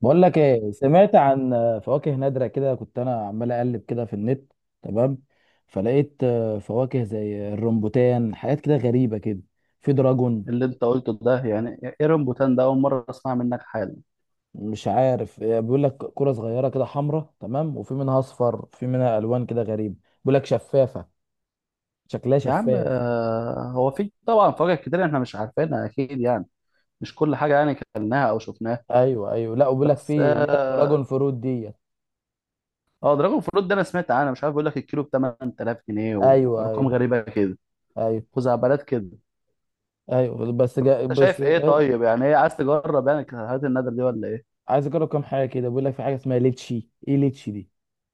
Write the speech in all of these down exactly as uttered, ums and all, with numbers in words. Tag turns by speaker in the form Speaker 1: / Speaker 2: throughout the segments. Speaker 1: بقول لك ايه، سمعت عن فواكه نادرة كده. كنت انا عمال اقلب كده في النت. تمام. فلقيت آه، فواكه زي الرمبوتان، حاجات كده غريبة كده. في دراجون.
Speaker 2: اللي انت قلته ده يعني ايرون بوتان ده اول مره اسمع منك حالا.
Speaker 1: مش عارف، آه، بيقول لك كرة صغيرة كده حمراء. تمام، وفي منها اصفر، في منها الوان كده غريبة. بيقول لك شفافة، شكلها
Speaker 2: يا عم
Speaker 1: شفاف.
Speaker 2: آه، هو في طبعا فواكه كتير احنا مش عارفينها اكيد يعني. مش كل حاجه يعني كلناها او شفناها.
Speaker 1: ايوه ايوه، لا وبيقول لك
Speaker 2: بس
Speaker 1: في اللي هي الدراجون
Speaker 2: اه
Speaker 1: فروت ديت.
Speaker 2: آه، دراجون فروت ده انا سمعت عنها، مش عارف، بيقول لك الكيلو ب تمن تلاف جنيه
Speaker 1: ايوه
Speaker 2: وارقام
Speaker 1: ايوه.
Speaker 2: غريبه كده،
Speaker 1: ايوه
Speaker 2: خزعبلات كده.
Speaker 1: ايوه بس جا
Speaker 2: انت
Speaker 1: بس
Speaker 2: شايف ايه
Speaker 1: آه،
Speaker 2: طيب؟ يعني ايه، عايز تجرب يعني الحاجات النادر دي ولا ايه؟
Speaker 1: عايز اجرب كام حاجة كده. بيقول لك في حاجة اسمها ليتشي. ايه ليتشي دي؟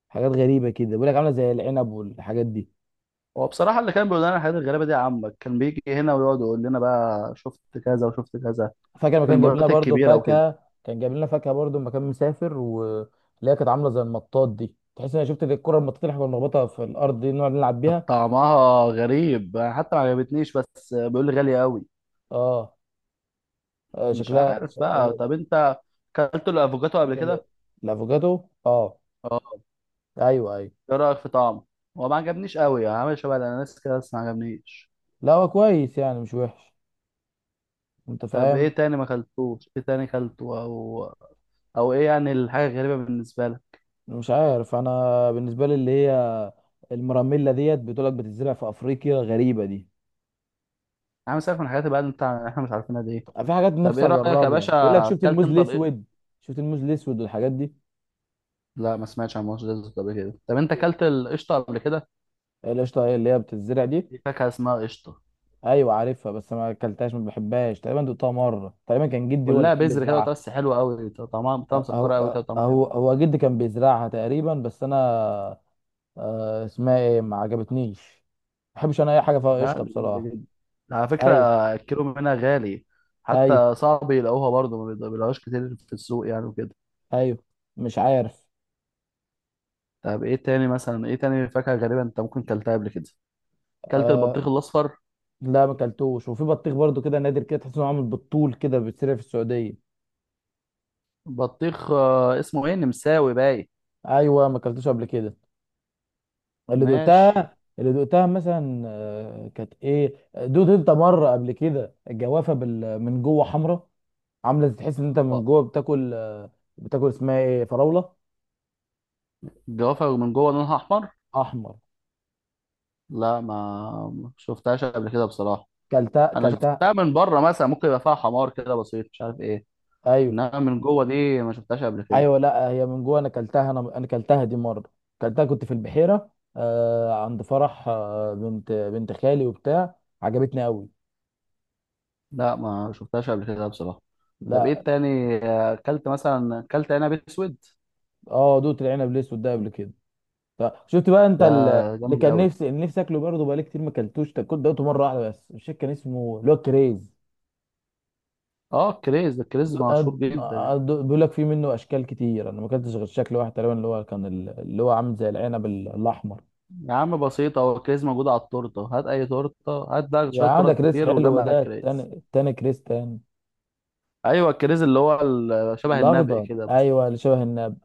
Speaker 1: حاجات غريبه كده، بيقول لك عامله زي العنب والحاجات دي.
Speaker 2: هو بصراحه اللي كان بيقول لنا الحاجات الغريبه دي عمك، كان بيجي هنا ويقعد يقول لنا بقى شفت كذا وشفت كذا
Speaker 1: فاكر لما
Speaker 2: في
Speaker 1: كان جايب لنا
Speaker 2: المولات
Speaker 1: برضه
Speaker 2: الكبيره وكده.
Speaker 1: فاكهه، كان جايب لنا فاكهه برضه لما كان مسافر، واللي هي كانت عامله زي المطاط دي. تحس ان انا شفت الكره المطاط اللي احنا كنا بنخبطها في الارض دي نقعد نلعب
Speaker 2: كانت
Speaker 1: بيها.
Speaker 2: طعمها غريب حتى ما عجبتنيش، بس بيقول لي غالية قوي.
Speaker 1: اه. آه،
Speaker 2: مش
Speaker 1: شكلها
Speaker 2: عارف
Speaker 1: ش-
Speaker 2: بقى. طب انت اكلت الافوكاتو قبل
Speaker 1: شكل-
Speaker 2: كده؟
Speaker 1: الافوكادو اه.
Speaker 2: اه،
Speaker 1: ايوه ايوه.
Speaker 2: ايه رايك في طعمه؟ هو ما عجبنيش قوي يعني، عامل شبه الاناناس كده بس ما عجبنيش.
Speaker 1: لا هو كويس يعني، مش وحش. انت
Speaker 2: طب ايه
Speaker 1: فاهم.
Speaker 2: تاني ما اكلتوش؟ ايه تاني اكلته، او او ايه يعني الحاجه الغريبه بالنسبه لك؟
Speaker 1: مش عارف، انا بالنسبه لي اللي هي المراميلا ديت، بتقول لك بتزرع في افريقيا، غريبه دي.
Speaker 2: عامل سالك من الحاجات بقى اللي انت احنا مش عارفينها دي.
Speaker 1: في حاجات
Speaker 2: طب
Speaker 1: نفسي
Speaker 2: ايه رايك
Speaker 1: اجربها،
Speaker 2: يا باشا؟
Speaker 1: بيقول لك شفت
Speaker 2: اكلت
Speaker 1: الموز
Speaker 2: انت الق-
Speaker 1: الاسود. شفت الموز الاسود والحاجات دي.
Speaker 2: لا، ما سمعتش عن مصر ديزرت قبل كده. طب انت اكلت القشطه قبل كده؟
Speaker 1: القشطه هي اللي هي بتتزرع دي.
Speaker 2: في فاكهه اسمها قشطه.
Speaker 1: ايوه عارفها، بس ما اكلتهاش، ما بحبهاش تقريبا. دقتها مره تقريبا، كان جدي هو اللي
Speaker 2: كلها
Speaker 1: كان
Speaker 2: بذر كده
Speaker 1: بيزرعها.
Speaker 2: وتقص، حلوه قوي، طعمها طعمها مسكره قوي
Speaker 1: هو
Speaker 2: كده طعمها.
Speaker 1: هو هو جدي كان بيزرعها تقريبا. بس انا آه، اسمها ايه، ما عجبتنيش. ما بحبش انا اي حاجه فيها
Speaker 2: لا
Speaker 1: قشطه
Speaker 2: دي جامده
Speaker 1: بصراحه.
Speaker 2: جدا على فكره،
Speaker 1: ايوه
Speaker 2: الكيلو منها غالي،
Speaker 1: ايوه
Speaker 2: حتى صعب يلاقوها برضه، ما بيلاقوهاش كتير في السوق يعني وكده.
Speaker 1: ايوه. مش عارف.
Speaker 2: طب ايه تاني مثلا؟ ايه تاني فاكهه غريبه انت ممكن كلتها قبل كده؟ كلت
Speaker 1: أه،
Speaker 2: البطيخ الاصفر؟
Speaker 1: لا ما اكلتوش. وفي بطيخ برضو كده نادر كده، تحس انه عامل بالطول كده، بيتسرع في السعوديه.
Speaker 2: بطيخ، آه، اسمه ايه، نمساوي باي؟
Speaker 1: ايوه ما اكلتوش قبل كده. اللي
Speaker 2: ماشي.
Speaker 1: دقتها اللي دقتها مثلا آه، كانت ايه دوت انت مره قبل كده، الجوافه بال... من جوه حمراء. عامله زي- تحس ان انت
Speaker 2: اه،
Speaker 1: من جوه بتاكل، آه، بتاكل اسمها ايه، فراوله.
Speaker 2: الجوافه من جوه لونها احمر؟
Speaker 1: احمر.
Speaker 2: لا ما ما شفتهاش قبل كده بصراحه.
Speaker 1: كلتها
Speaker 2: انا
Speaker 1: كلتها.
Speaker 2: شفتها من بره مثلا، ممكن يبقى فيها حمار كده بسيط، مش عارف ايه،
Speaker 1: ايوه
Speaker 2: انما من جوه دي ما شفتهاش قبل كده.
Speaker 1: ايوه، لا هي من جوه انا كلتها، انا انا كلتها دي مره. كلتها كنت في البحيره، آه، عند فرح آه، بنت بنت خالي وبتاع. عجبتني قوي.
Speaker 2: لا ما شفتهاش قبل كده بصراحة. طب ايه
Speaker 1: لا.
Speaker 2: التاني، آه، اكلت مثلا، اكلت عنب اسود؟
Speaker 1: اه دوت العنب الاسود ده قبل كده. فشفت بقى انت
Speaker 2: ده
Speaker 1: ال- اللي
Speaker 2: جامد
Speaker 1: كان
Speaker 2: قوي،
Speaker 1: نفسي، اللي نفسي اكله برضه بقالي كتير ما اكلتوش ده. كنت دقته مره واحده بس، مش فاكر كان اسمه اللي هو الكريز.
Speaker 2: اه الكريز ده، الكريز
Speaker 1: دو- أه-
Speaker 2: مشهور
Speaker 1: أه-
Speaker 2: جدا
Speaker 1: آه،
Speaker 2: يعني.
Speaker 1: دو- بيقول لك في منه اشكال كتير. انا ما اكلتش غير شكل واحد تقريبا، اللي هو كان ال- اللي هو عامل زي العنب ال- الاحمر.
Speaker 2: يا عم بسيطة، هو الكريز موجود على التورتة، هات اي تورتة هات، ده
Speaker 1: يا
Speaker 2: شوية
Speaker 1: عم ده
Speaker 2: تورت
Speaker 1: كريز
Speaker 2: كتير
Speaker 1: حلو،
Speaker 2: وجمع
Speaker 1: ده التاني،
Speaker 2: الكريز.
Speaker 1: التاني كريز تاني.
Speaker 2: ايوه، الكريز اللي هو ال- شبه النبق
Speaker 1: الاخضر
Speaker 2: كده بس.
Speaker 1: ايوه، اللي شبه النب.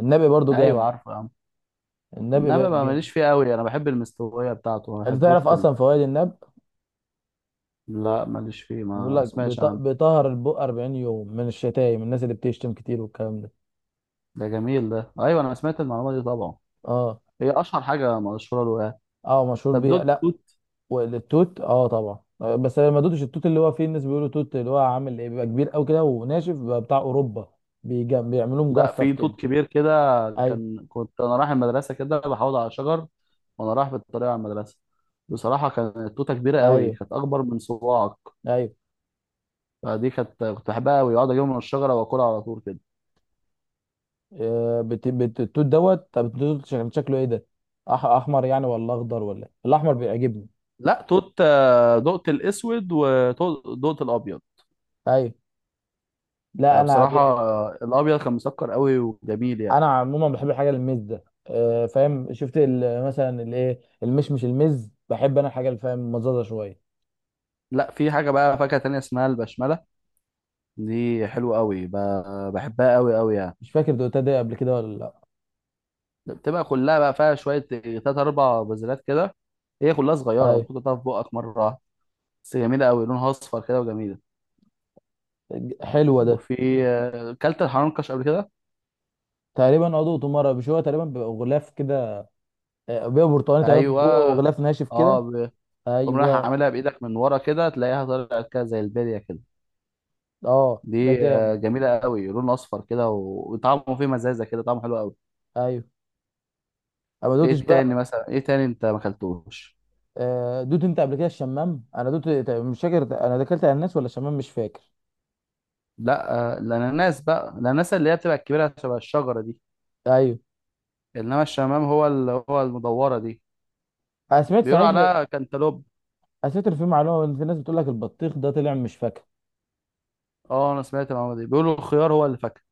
Speaker 1: النبي برضه
Speaker 2: ايوه
Speaker 1: جامد.
Speaker 2: عارفه يا عم.
Speaker 1: النبي
Speaker 2: النبق
Speaker 1: بقى
Speaker 2: ما
Speaker 1: جامد.
Speaker 2: ماليش فيه قوي، انا بحب المستوية بتاعته، ما
Speaker 1: انت
Speaker 2: بحبوش
Speaker 1: تعرف
Speaker 2: كله.
Speaker 1: اصلا فوائد النب؟
Speaker 2: لا ماليش فيه،
Speaker 1: بيقول
Speaker 2: ما
Speaker 1: لك
Speaker 2: سمعتش
Speaker 1: بيط-
Speaker 2: عنه.
Speaker 1: بيطهر البق اربعين يوم من الشتايم، الناس اللي بتشتم كتير والكلام ده.
Speaker 2: ده جميل ده، ايوه انا سمعت المعلومة دي طبعا،
Speaker 1: اه.
Speaker 2: هي اشهر حاجة مشهورة له يعني.
Speaker 1: اه مشهور
Speaker 2: طب
Speaker 1: بيه،
Speaker 2: دول،
Speaker 1: لا. والتوت اه طبعا، آه، بس انا ما دوتش التوت اللي هو فيه، الناس بيقولوا توت اللي هو عامل ايه، بيبقى كبير قوي كده وناشف، بيبقى بتاع اوروبا. بيجم... بيعملوه
Speaker 2: لا
Speaker 1: مجفف
Speaker 2: في
Speaker 1: كده.
Speaker 2: توت كبير كده،
Speaker 1: ايوه
Speaker 2: كان كنت انا رايح المدرسه كده بحوض على شجر وانا رايح بالطريق على المدرسه. بصراحه كانت التوته كبيره قوي،
Speaker 1: ايوه.
Speaker 2: كانت اكبر من صباعك،
Speaker 1: ايوه
Speaker 2: فدي كانت كنت بحبها قوي اقعد اجيبها من الشجره واكلها على طول كده.
Speaker 1: آه بت... بت... التوت دوت. طب التوت شكل- شكله ايه ده؟ أح... احمر يعني، ولا اخضر، ولا إيه؟ الاحمر بيعجبني.
Speaker 2: لا توت، آه، دقت الاسود ودقت الابيض.
Speaker 1: ايوه. لا
Speaker 2: آه،
Speaker 1: انا
Speaker 2: بصراحه
Speaker 1: بي...
Speaker 2: آه، الابيض كان مسكر قوي وجميل يعني.
Speaker 1: انا عموما بحب الحاجه المزه. آه فاهم؟ شفت ال... مثلا الايه، المشمش المز، بحب انا الحاجه اللي فاهم مزازه شويه.
Speaker 2: لا في حاجه بقى فاكهه تانية اسمها البشمله، دي حلوه قوي، ب- بحبها قوي قوي يعني.
Speaker 1: مش فاكر دوتها دي قبل كده ولا لا.
Speaker 2: بتبقى كلها بقى فيها شويه تلات اربع بذرات كده، هي كلها صغيره،
Speaker 1: ايوه.
Speaker 2: ممكن تحطها في بقك مره واحدة. بس جميله قوي، لونها اصفر كده وجميله.
Speaker 1: حلوه ده.
Speaker 2: وفي، آه، كلت الحنكش قبل كده؟
Speaker 1: تقريبا عضو مرة، مش هو تقريبا بيبقى غلاف كده، آه، بيبقى برتقاني تقريبا من
Speaker 2: ايوه.
Speaker 1: جوه وغلاف ناشف
Speaker 2: اه
Speaker 1: كده.
Speaker 2: ب- تقوم رايح
Speaker 1: ايوه.
Speaker 2: عاملها بايدك من ورا كده، تلاقيها طلعت كده زي البليه كده،
Speaker 1: اه ده
Speaker 2: دي آه،
Speaker 1: جامد.
Speaker 2: جميله قوي، لون اصفر كده و- وطعمه فيه مزازه كده، طعمه حلو قوي.
Speaker 1: ايوه انا ما دوتش
Speaker 2: ايه تاني
Speaker 1: بقى.
Speaker 2: مثلا؟ ايه تاني انت ما اكلتوش؟
Speaker 1: آه، دوت انت قبل كده الشمام؟ انا دوت، مش فاكر انا دخلت على الناس، ولا الشمام مش فاكر.
Speaker 2: لا آه، الاناناس بقى، الاناناس اللي هي بتبقى الكبيره شبه الشجره دي،
Speaker 1: ايوه
Speaker 2: انما الشمام هو اللي هو المدوره دي،
Speaker 1: انا سمعت
Speaker 2: بيقولوا
Speaker 1: صحيح.
Speaker 2: عليها كانتالوب.
Speaker 1: انا سمعت إن في معلومه، ان في ناس بتقول لك البطيخ ده طلع مش فاكهه.
Speaker 2: اه انا سمعت المعلومه دي، بيقولوا الخيار هو اللي فاكهه.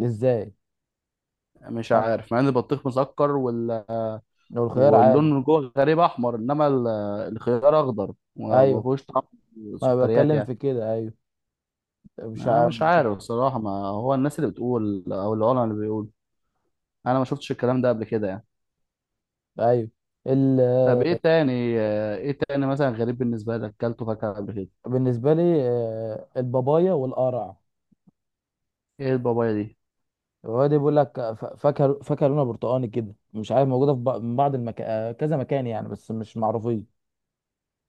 Speaker 1: ازاي؟
Speaker 2: مش
Speaker 1: أنا-
Speaker 2: عارف، مع ان البطيخ مسكر وال...
Speaker 1: لو الخيار عادي.
Speaker 2: واللون من جوه غريب احمر، انما ال- الخيار اخضر وما
Speaker 1: ايوه
Speaker 2: فيهوش طعم
Speaker 1: ما
Speaker 2: سكريات
Speaker 1: بتكلم
Speaker 2: يعني.
Speaker 1: في كده. ايوه مش
Speaker 2: انا
Speaker 1: عارف.
Speaker 2: مش عارف الصراحه، ما هو الناس اللي بتقول او العلماء اللي بيقول، انا ما شفتش الكلام ده قبل كده يعني.
Speaker 1: ايوه ال...
Speaker 2: طب ايه تاني؟ ايه تاني مثلا غريب بالنسبه لك اكلته فاكهه قبل كده؟
Speaker 1: بالنسبه لي آه، البابايا والقرع.
Speaker 2: ايه البابايا دي؟
Speaker 1: هو ده بيقول لك ف- فاكهه، فاكهه لونها برتقاني كده، مش عارف موجوده في بق- من بعض المكان، كذا مكان يعني، بس مش معروفين.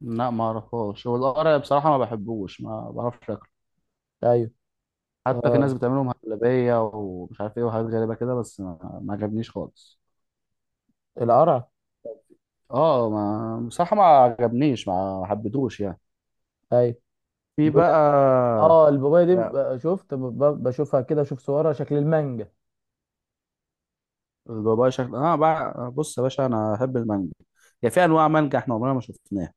Speaker 2: لا ما اعرفهاش، هو القرع بصراحه ما بحبوش، ما بعرفش.
Speaker 1: ايوه.
Speaker 2: حتى في
Speaker 1: آه
Speaker 2: ناس بتعملهم هبلية ومش عارف ايه، وحاجات غريبة كده بس ما, ما عجبنيش خالص.
Speaker 1: القرع.
Speaker 2: اه ما بصراحة ما عجبنيش، ما ما حبيتهوش يعني.
Speaker 1: ايوه
Speaker 2: في
Speaker 1: بيقول لك.
Speaker 2: بقى
Speaker 1: اه البابايا دي
Speaker 2: يا-
Speaker 1: ب- شفت ب- ب- بشوفها كده، بشوف صورها شكل المانجا.
Speaker 2: البابايا شكل. اه بقى بص يا باشا، انا احب المانجا يعني، في انواع مانجا احنا عمرنا ما شفناها،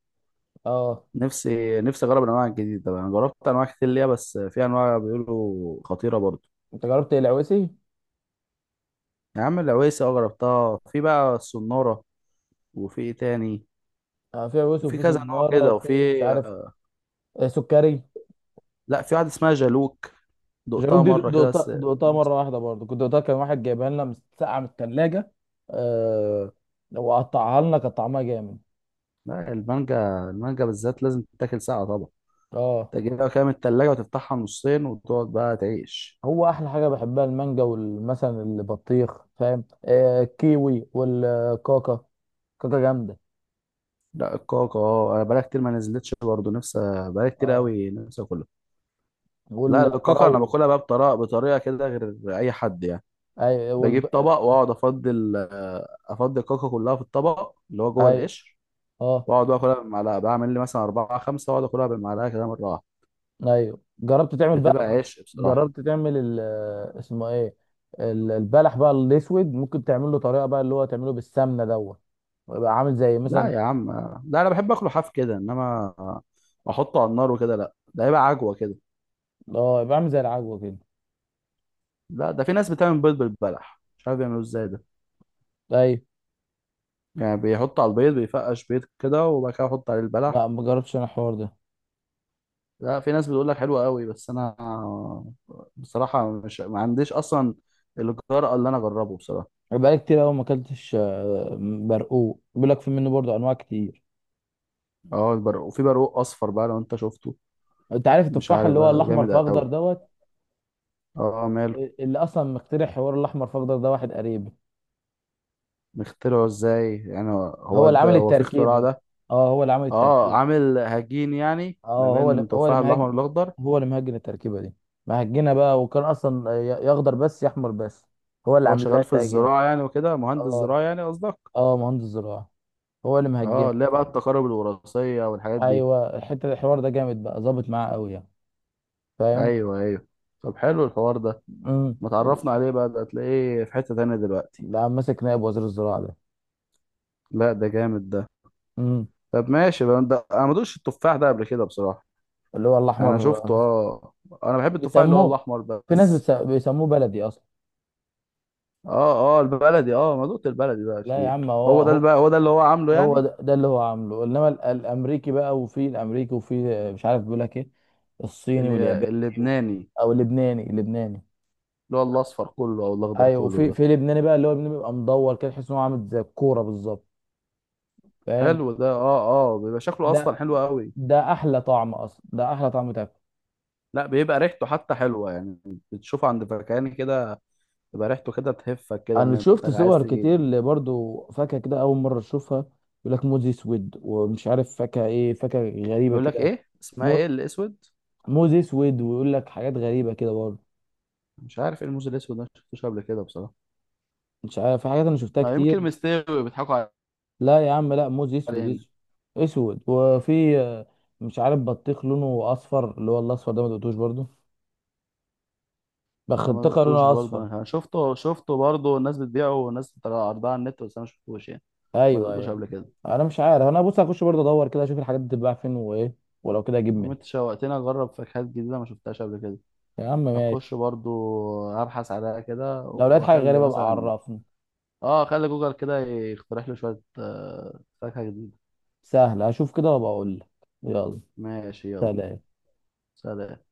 Speaker 1: اه
Speaker 2: نفسي نفسي اجرب الانواع الجديده بقى، انا جربت انواع كتير ليها بس في انواع بيقولوا خطيره برضو.
Speaker 1: انت جربت العويسي؟
Speaker 2: يا عم العويسه، اه جربتها، في بقى السناره، وفي ايه تاني
Speaker 1: آه في عويسي
Speaker 2: وفي
Speaker 1: وفي
Speaker 2: كذا نوع
Speaker 1: صناره،
Speaker 2: كده وفي،
Speaker 1: وفي مش عارف، آه سكري.
Speaker 2: لا في واحد اسمها جالوك،
Speaker 1: جاروك
Speaker 2: دقتها
Speaker 1: دي
Speaker 2: مرة كده
Speaker 1: دقتها،
Speaker 2: بس.
Speaker 1: دقتها مره واحده برضه. كنت دقتها، كان واحد جايبها لنا مس- ساقعه من الثلاجه. آه. وقطعها لنا، كان طعمها جامد.
Speaker 2: لا المانجا، المانجا بالذات لازم تتاكل ساعة طبعا،
Speaker 1: اه.
Speaker 2: تجيبها كده من التلاجة وتفتحها نصين وتقعد بقى تعيش.
Speaker 1: هو احلى حاجه بحبها المانجا، والمثلا البطيخ فاهم، آه الكيوي والكاكا. كاكا جامده.
Speaker 2: لا الكاكا، اه انا بقالي كتير ما نزلتش برضه نفسي، بقالي كتير
Speaker 1: اه
Speaker 2: قوي نفسي اكلها. لا الكاكا انا
Speaker 1: والفراوله.
Speaker 2: باكلها بقى بطريقة بطريقة كده غير اي حد يعني،
Speaker 1: اي
Speaker 2: بجيب
Speaker 1: والب...
Speaker 2: طبق واقعد افضل، افضي الكاكا كلها في الطبق اللي هو جوه
Speaker 1: اي
Speaker 2: القشر،
Speaker 1: اه.
Speaker 2: واقعد بقى اكلها بالمعلقة، بعمل لي مثلا أربعة خمسة واقعد اكلها بالمعلقة كده مرة واحدة،
Speaker 1: ايوه جربت تعمل
Speaker 2: بتبقى
Speaker 1: بقى؟
Speaker 2: عيش بصراحة.
Speaker 1: جربت تعمل ال... آه، اسمه ايه، ال- البلح بقى الاسود، ممكن تعمل له طريقه بقى اللي هو تعمله بالسمنه دوت، يبقى عامل زي
Speaker 2: لا
Speaker 1: مثلا.
Speaker 2: يا عم لا، انا بحب اكله حاف كده، انما احطه على النار وكده لا، ده هيبقى عجوه كده.
Speaker 1: اه يبقى عامل زي العجوه كده.
Speaker 2: لا ده في ناس بتعمل بيض بالبلح، مش عارف بيعملوه ازاي ده،
Speaker 1: ايوه.
Speaker 2: يعني بيحط على البيض، بيفقش بيض كده وبعد كده يحط عليه البلح.
Speaker 1: لا ما جربتش انا الحوار ده.
Speaker 2: لا في ناس بتقول لك حلو قوي، بس انا بصراحه مش ما عنديش اصلا الجرأة اللي انا اجربه بصراحه.
Speaker 1: بقالي كتير قوي ما اكلتش، آه، برقوق بيقول لك في منه برضه انواع كتير.
Speaker 2: اه البرق، وفي برقوق اصفر بقى لو انت شفته،
Speaker 1: انت عارف
Speaker 2: مش
Speaker 1: التفاح
Speaker 2: عارف
Speaker 1: اللي هو
Speaker 2: بقى
Speaker 1: الاحمر
Speaker 2: جامد
Speaker 1: في اخضر
Speaker 2: قوي،
Speaker 1: دوت؟
Speaker 2: اه ماله.
Speaker 1: اللي اصلا مخترع حوار الاحمر في اخضر ده، واحد قريبي.
Speaker 2: مخترعه ازاي يعني؟ هو
Speaker 1: هو
Speaker 2: هو
Speaker 1: اللي
Speaker 2: ده،
Speaker 1: عامل
Speaker 2: هو في اختراع
Speaker 1: التركيبه.
Speaker 2: ده؟
Speaker 1: اه هو اللي عامل
Speaker 2: اه
Speaker 1: التركيبه.
Speaker 2: عامل هجين يعني
Speaker 1: اه
Speaker 2: ما
Speaker 1: هو
Speaker 2: بين
Speaker 1: اللي هو اللي
Speaker 2: التفاح الاحمر
Speaker 1: مهاجم.
Speaker 2: والاخضر.
Speaker 1: هو اللي مهاجم التركيبه دي، مهجنه بقى. وكان اصلا ي- يا اخضر بس يا احمر بس، هو اللي
Speaker 2: هو
Speaker 1: عامل لها
Speaker 2: شغال في
Speaker 1: تهجين.
Speaker 2: الزراعه يعني وكده، مهندس
Speaker 1: اه.
Speaker 2: زراعه يعني قصدك؟
Speaker 1: اه مهندس زراعه، هو اللي مهجنه.
Speaker 2: اه اللي هي بقى التقارب الوراثيه والحاجات دي.
Speaker 1: ايوه الحته، الحوار ده جامد بقى، ظابط معاه قوي يعني. فاهم.
Speaker 2: ايوه ايوه، طب حلو الحوار ده،
Speaker 1: امم.
Speaker 2: ما تعرفنا عليه بقى ده، هتلاقيه في حته تانية دلوقتي.
Speaker 1: اللي عم ماسك نائب وزير الزراعه ده.
Speaker 2: لا ده جامد ده.
Speaker 1: امم.
Speaker 2: طب ماشي بقى، ده انا ما دوقتش التفاح ده قبل كده بصراحه،
Speaker 1: اللي هو
Speaker 2: انا
Speaker 1: الاحمر
Speaker 2: شفته اه، انا بحب التفاح اللي هو
Speaker 1: بيسموه،
Speaker 2: الاحمر ده
Speaker 1: في ناس
Speaker 2: بس.
Speaker 1: بتس- بيسموه بلدي اصلا.
Speaker 2: اه اه، البلدي اه، ما دوقت البلدي ده
Speaker 1: لا يا
Speaker 2: كتير.
Speaker 1: عم هو
Speaker 2: هو ده
Speaker 1: هو،
Speaker 2: بقى، هو ده اللي هو عامله
Speaker 1: هو
Speaker 2: يعني،
Speaker 1: ده, ده اللي هو عامله. انما ال- الامريكي بقى، وفي الامريكي وفي مش عارف بيقول لك ايه، الصيني
Speaker 2: اللي
Speaker 1: والياباني و...
Speaker 2: اللبناني
Speaker 1: او اللبناني، اللبناني.
Speaker 2: اللي هو الاصفر كله او الاخضر
Speaker 1: ايوه
Speaker 2: كله
Speaker 1: وفي،
Speaker 2: ده.
Speaker 1: في لبناني بقى، اللي هو اللبناني بيبقى مدور كده، تحس ان هو عامل زي الكوره بالظبط. فاهم.
Speaker 2: حلو ده اه، اه بيبقى شكله
Speaker 1: ده
Speaker 2: اصلا حلو قوي،
Speaker 1: ده احلى طعم، اصلا ده احلى طعم تاكل.
Speaker 2: لا بيبقى ريحته حتى حلوه يعني، بتشوفه عند فكهاني كده، بيبقى ريحته كده تهفك كده ان
Speaker 1: انا
Speaker 2: انت
Speaker 1: شفت
Speaker 2: عايز
Speaker 1: صور كتير،
Speaker 2: تجيب.
Speaker 1: اللي برضو فاكهه كده اول مره اشوفها. يقول لك موز اسود، ومش عارف فاكهه ايه، فاكهه غريبه
Speaker 2: بيقول لك
Speaker 1: كده.
Speaker 2: ايه اسمها؟ ايه الاسود؟
Speaker 1: موز اسود، ويقول لك حاجات غريبه كده برضه.
Speaker 2: مش عارف ايه الموز الاسود ده، ما شفتوش قبل كده بصراحه،
Speaker 1: مش عارف، في حاجات انا شفتها
Speaker 2: ما
Speaker 1: كتير.
Speaker 2: يمكن مستوي بيضحكوا
Speaker 1: لا يا عم، لا موز اسود اسود.
Speaker 2: علينا.
Speaker 1: اسود. وفي آه، مش عارف، بطيخ لونه اصفر، اللي هو الاصفر ده ما دقتوش برضه،
Speaker 2: انا ما
Speaker 1: بخنتقه
Speaker 2: دقتوش
Speaker 1: لونه
Speaker 2: برضه،
Speaker 1: اصفر.
Speaker 2: انا كمان شفته شفته برضه، الناس بتبيعه والناس بتطلع عرضها على النت، بس انا ما شفتوش يعني، ما
Speaker 1: ايوه
Speaker 2: دقتوش
Speaker 1: ايوه.
Speaker 2: قبل كده.
Speaker 1: انا مش عارف، انا بص هخش برضه ادور كده، اشوف الحاجات دي بتتباع فين وايه، ولو كده اجيب
Speaker 2: عم انت
Speaker 1: منها.
Speaker 2: شوقتني اجرب فاكهات جديده ما شفتهاش قبل كده،
Speaker 1: يا عم ماشي.
Speaker 2: اخش برضو ابحث عليها كده
Speaker 1: لو لقيت حاجه
Speaker 2: واخلي
Speaker 1: غريبه ابقى
Speaker 2: مثلا،
Speaker 1: عرفني.
Speaker 2: اه اخلي جوجل كده يقترح لي شوية آه، فاكهة جديدة.
Speaker 1: سهله اشوف كده وابقى اقول لك. يلا.
Speaker 2: ماشي يلا.
Speaker 1: سلام.
Speaker 2: سلام.